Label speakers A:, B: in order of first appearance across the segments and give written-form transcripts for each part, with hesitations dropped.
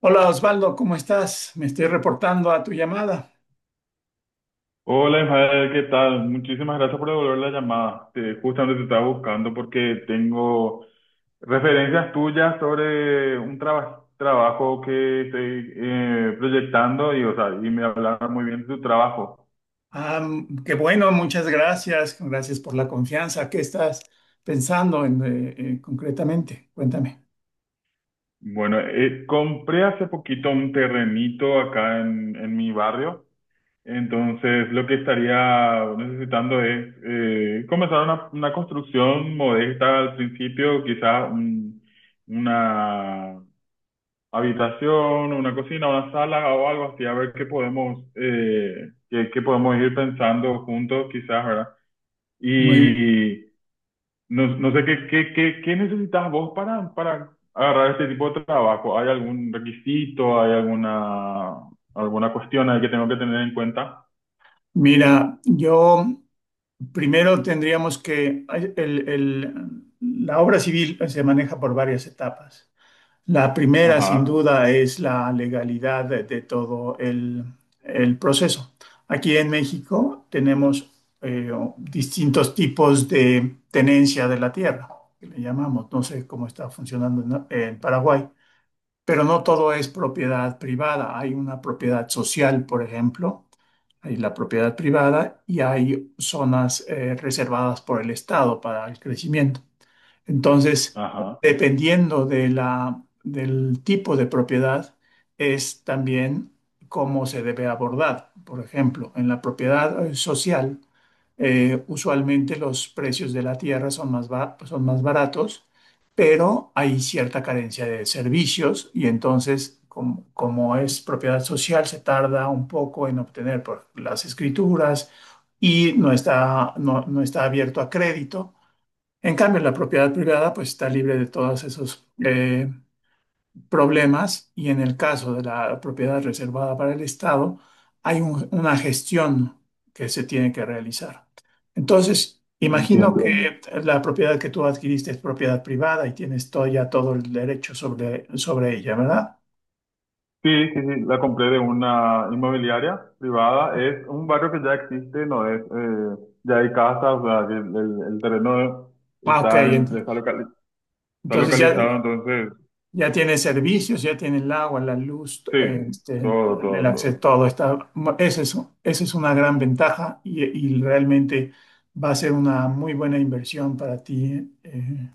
A: Hola Osvaldo, ¿cómo estás? Me estoy reportando a tu llamada.
B: Hola, Ismael, ¿qué tal? Muchísimas gracias por devolver la llamada. Justamente te estaba buscando porque tengo referencias tuyas sobre un trabajo que estoy proyectando y, o sea, y me hablaron muy bien de tu trabajo.
A: Ah, qué bueno, muchas gracias. Gracias por la confianza. ¿Qué estás pensando en, concretamente? Cuéntame.
B: Bueno, compré hace poquito un terrenito acá en mi barrio, entonces lo que estaría necesitando es comenzar una construcción modesta al principio, quizás una habitación, una cocina, una sala o algo así, a ver qué qué podemos ir pensando juntos quizás, ¿verdad?
A: Muy,
B: Y no, no sé qué necesitas vos para agarrar este tipo de trabajo. ¿Hay algún requisito? ¿Hay alguna cuestión ahí que tengo que tener en cuenta?
A: mira, yo primero tendríamos que, la obra civil se maneja por varias etapas. La primera, sin
B: Ajá,
A: duda, es la legalidad de todo el proceso. Aquí en México tenemos eh, distintos tipos de tenencia de la tierra, que le llamamos. No sé cómo está funcionando en, Paraguay, pero no todo es propiedad privada. Hay una propiedad social, por ejemplo, hay la propiedad privada y hay zonas reservadas por el Estado para el crecimiento. Entonces,
B: ajá,
A: dependiendo del tipo de propiedad, es también cómo se debe abordar. Por ejemplo, en la propiedad social, usualmente los precios de la tierra son son más baratos, pero hay cierta carencia de servicios y entonces, como es propiedad social, se tarda un poco en obtener las escrituras y no está abierto a crédito. En cambio, la propiedad privada pues está libre de todos esos problemas, y en el caso de la propiedad reservada para el Estado hay una gestión que se tiene que realizar. Entonces, imagino,
B: entiendo.
A: entiendo, que la propiedad que tú adquiriste es propiedad privada y tienes todo, ya todo el derecho sobre, sobre ella, ¿verdad?
B: Sí, sí, sí, la compré de una inmobiliaria privada. Es un barrio que ya existe, no es, ya hay casas, o sea, que el terreno
A: Ah, ok.
B: está, en- está, locali- está
A: Entonces ya
B: localizado, entonces,
A: Ya tiene servicios, ya tiene el agua, la luz,
B: sí,
A: este,
B: todo,
A: el
B: todo,
A: acceso,
B: todo.
A: todo está. Esa es, esa es una gran ventaja, y realmente va a ser una muy buena inversión para ti,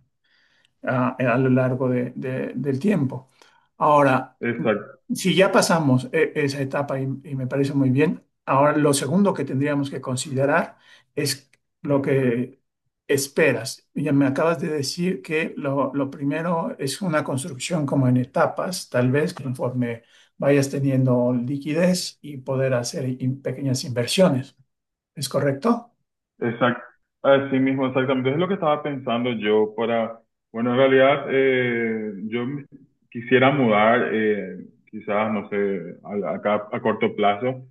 A: a lo largo del tiempo. Ahora,
B: Exacto,
A: si ya pasamos esa etapa, y me parece muy bien, ahora lo segundo que tendríamos que considerar es lo que esperas. Ya me acabas de decir que lo primero es una construcción como en etapas, tal vez conforme vayas teniendo liquidez y poder hacer pequeñas inversiones. ¿Es correcto?
B: exacto. Así mismo, exactamente. Es lo que estaba pensando yo para, bueno, en realidad, yo quisiera mudar, quizás, no sé, acá a corto plazo.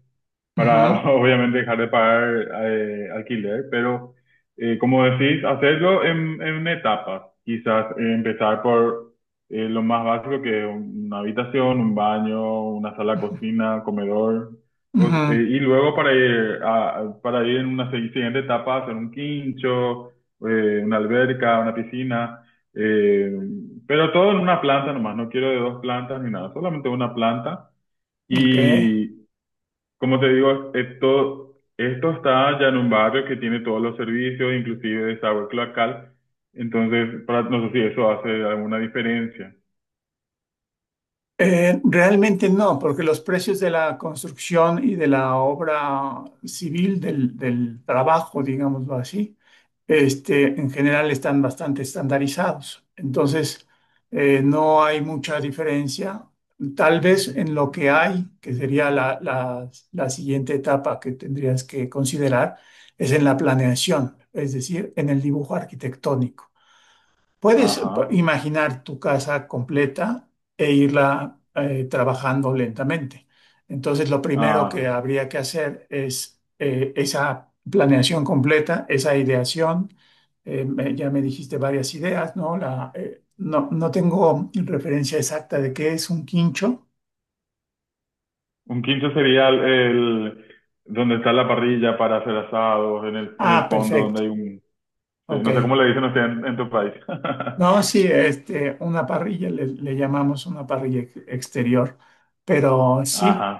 B: Para
A: Ujú,
B: obviamente dejar de pagar alquiler, pero como decís, hacerlo en etapas. Quizás empezar por lo más básico, que es una habitación, un baño, una sala,
A: ujú,
B: cocina, comedor, pues,
A: ujú.
B: y luego para ir en una siguiente etapa, hacer un quincho, una alberca, una piscina. eh, pero todo en una planta nomás, no quiero de dos plantas ni nada, solamente una planta.
A: Ok.
B: Como te digo, esto está ya en un barrio que tiene todos los servicios, inclusive desagüe cloacal. Entonces, para, no sé si eso hace alguna diferencia.
A: Realmente no, porque los precios de la construcción y de la obra civil, del trabajo, digámoslo así, este, en general están bastante estandarizados. Entonces, no hay mucha diferencia. Tal vez en lo que hay, que sería la siguiente etapa que tendrías que considerar, es en la planeación, es decir, en el dibujo arquitectónico. Puedes
B: Ajá.
A: imaginar tu casa completa e irla trabajando lentamente. Entonces, lo primero que
B: Ah,
A: habría que hacer es esa planeación completa, esa ideación. Ya me dijiste varias ideas, ¿no? No, no tengo referencia exacta de qué es un quincho.
B: un quincho sería donde está la parrilla para hacer asados, en el, en
A: Ah,
B: el fondo donde hay
A: perfecto.
B: un... Sí,
A: Ok.
B: no sé cómo le dicen ustedes en tu país.
A: No, sí, este, una parrilla, le llamamos una parrilla exterior, pero
B: Ajá,
A: sí,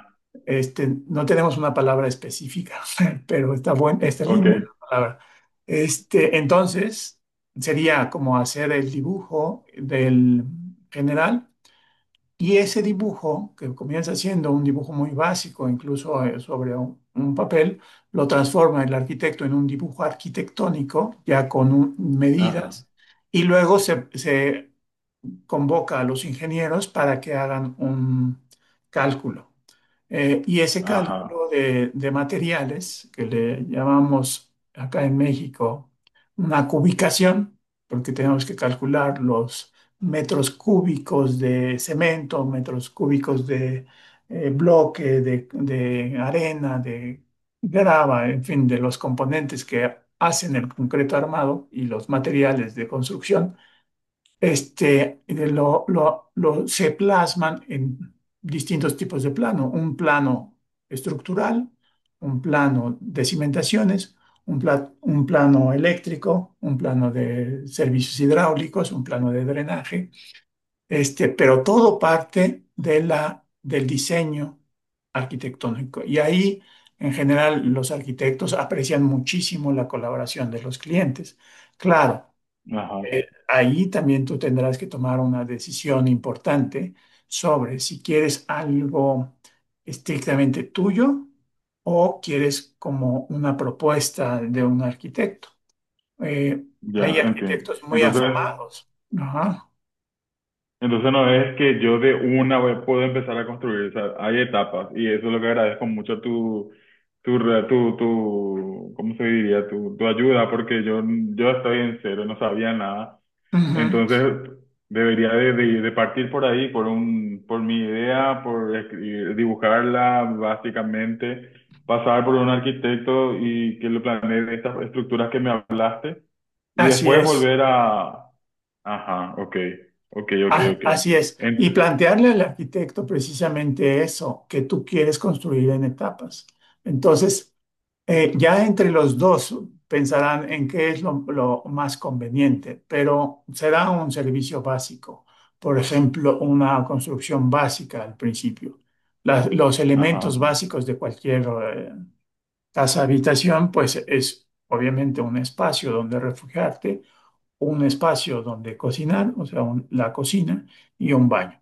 A: este, no tenemos una palabra específica, pero está
B: ok.
A: linda la palabra. Este, entonces, sería como hacer el dibujo del general, y ese dibujo, que comienza siendo un dibujo muy básico, incluso sobre un papel, lo transforma el arquitecto en un dibujo arquitectónico, ya con
B: Ajá,
A: medidas, y luego se convoca a los ingenieros para que hagan un cálculo. Y ese cálculo
B: ajá,
A: de materiales, que le llamamos acá en México una cubicación, porque tenemos que calcular los metros cúbicos de cemento, metros cúbicos de bloque, de arena, de grava, en fin, de los componentes que hacen el concreto armado y los materiales de construcción, este, se plasman en distintos tipos de plano. Un plano estructural, un plano de cimentaciones, un plano eléctrico, un plano de servicios hidráulicos, un plano de drenaje, este, pero todo parte de la, del diseño arquitectónico. Y ahí, en general, los arquitectos aprecian muchísimo la colaboración de los clientes. Claro.
B: ajá.
A: Ahí también tú tendrás que tomar una decisión importante sobre si quieres algo estrictamente tuyo o quieres como una propuesta de un arquitecto. Eh, Hay
B: Ya, entiendo.
A: arquitectos muy
B: Entonces,
A: afamados. Ajá.
B: Entonces no es que yo de una vez puedo empezar a construir, o sea, hay etapas, y eso es lo que agradezco mucho tu, tu, ¿cómo se diría? Tu ayuda, porque yo estoy en cero, no sabía nada.
A: Ujú.
B: Entonces debería de partir por ahí, por mi idea, por dibujarla básicamente, pasar por un arquitecto y que lo planee de estas estructuras que me hablaste, y
A: Así
B: después
A: es.
B: volver a... Ajá, ok, ok, ok,
A: Ah,
B: ok.
A: así es.
B: En-
A: Y plantearle al arquitecto precisamente eso, que tú quieres construir en etapas. Entonces, ya entre los dos pensarán en qué es lo más conveniente, pero será un servicio básico. Por ejemplo, una construcción básica al principio. Los elementos
B: ajá,
A: básicos de cualquier eh, casa habitación, pues es obviamente un espacio donde refugiarte, un espacio donde cocinar, o sea, la cocina y un baño.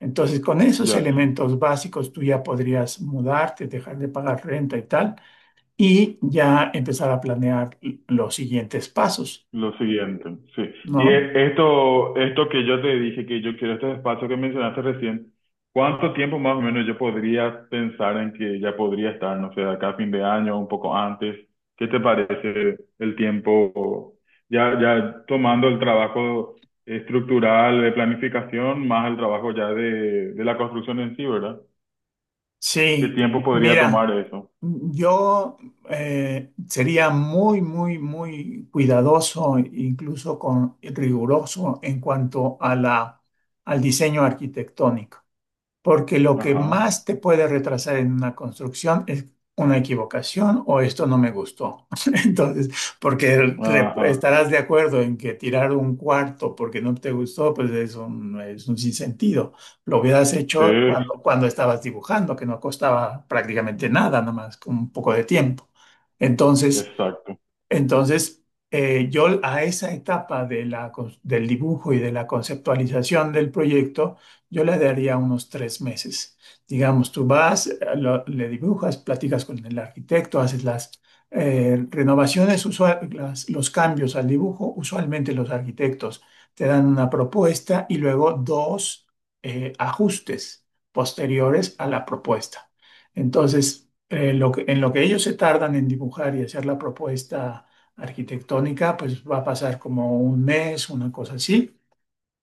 A: Entonces, con esos
B: ya,
A: elementos básicos, tú ya podrías mudarte, dejar de pagar renta y tal, y ya empezar a planear los siguientes pasos,
B: lo siguiente, sí. Y
A: ¿no?
B: esto que yo te dije, que yo quiero este espacio que mencionaste recién, ¿cuánto tiempo más o menos yo podría pensar en que ya podría estar, no sé, de acá a fin de año, un poco antes? ¿Qué te parece el tiempo? Ya, ya tomando el trabajo estructural de planificación, más el trabajo ya de la construcción en sí, ¿verdad? ¿Qué
A: Sí,
B: tiempo podría
A: mira,
B: tomar eso?
A: yo, sería muy, muy, muy cuidadoso, incluso con riguroso en cuanto a al diseño arquitectónico. Porque lo que
B: Ajá,
A: más te puede retrasar en una construcción es una equivocación o esto no me gustó. Entonces, porque
B: ajá.
A: estarás de acuerdo en que tirar un cuarto porque no te gustó, pues es un sinsentido. Lo hubieras
B: Sí,
A: hecho cuando estabas dibujando, que no costaba prácticamente nada, nomás con un poco de tiempo. Entonces,
B: exacto.
A: entonces, yo a esa etapa de la del dibujo y de la conceptualización del proyecto, yo le daría unos 3 meses. Digamos, tú vas, le dibujas, platicas con el arquitecto, haces las renovaciones, los cambios al dibujo. Usualmente los arquitectos te dan una propuesta y luego dos ajustes posteriores a la propuesta. Entonces, en lo que ellos se tardan en dibujar y hacer la propuesta arquitectónica, pues va a pasar como un mes, una cosa así.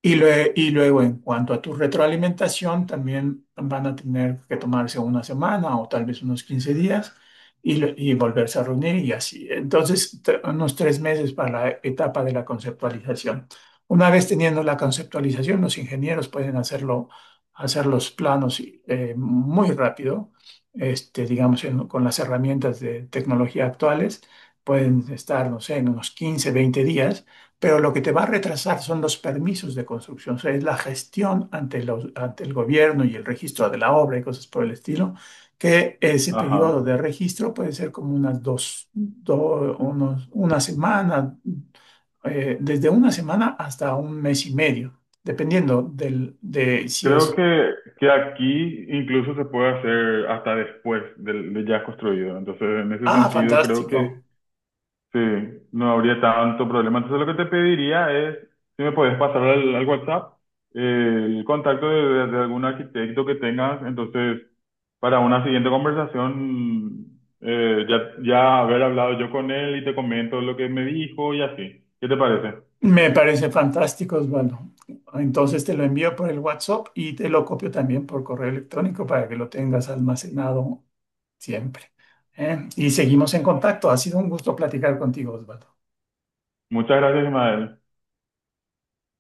A: Y, y luego, en cuanto a tu retroalimentación, también van a tener que tomarse una semana o tal vez unos 15 días, y, y volverse a reunir y así. Entonces, unos 3 meses para la etapa de la conceptualización. Una vez teniendo la conceptualización, los ingenieros pueden hacerlo, hacer los planos y, muy rápido, este, digamos, con las herramientas de tecnología actuales. Pueden estar, no sé, en unos 15 20 días, pero lo que te va a retrasar son los permisos de construcción, o sea, es la gestión ante el gobierno y el registro de la obra y cosas por el estilo, que ese periodo
B: Ajá.
A: de registro puede ser como unas una semana, desde una semana hasta un mes y medio, dependiendo del, de si
B: Creo
A: es...
B: que aquí incluso se puede hacer hasta después de, ya construido. Entonces, en ese
A: Ah,
B: sentido, creo que
A: fantástico.
B: sí, no habría tanto problema. Entonces, lo que te pediría es, si me puedes pasar al WhatsApp el contacto de algún arquitecto que tengas. Entonces, para una siguiente conversación, ya, ya haber hablado yo con él y te comento lo que me dijo y así. ¿Qué te parece?
A: Me parece fantástico, Osvaldo. Entonces te lo envío por el WhatsApp y te lo copio también por correo electrónico para que lo tengas almacenado siempre, ¿eh? Y seguimos en contacto. Ha sido un gusto platicar contigo, Osvaldo.
B: Muchas gracias, Ismael.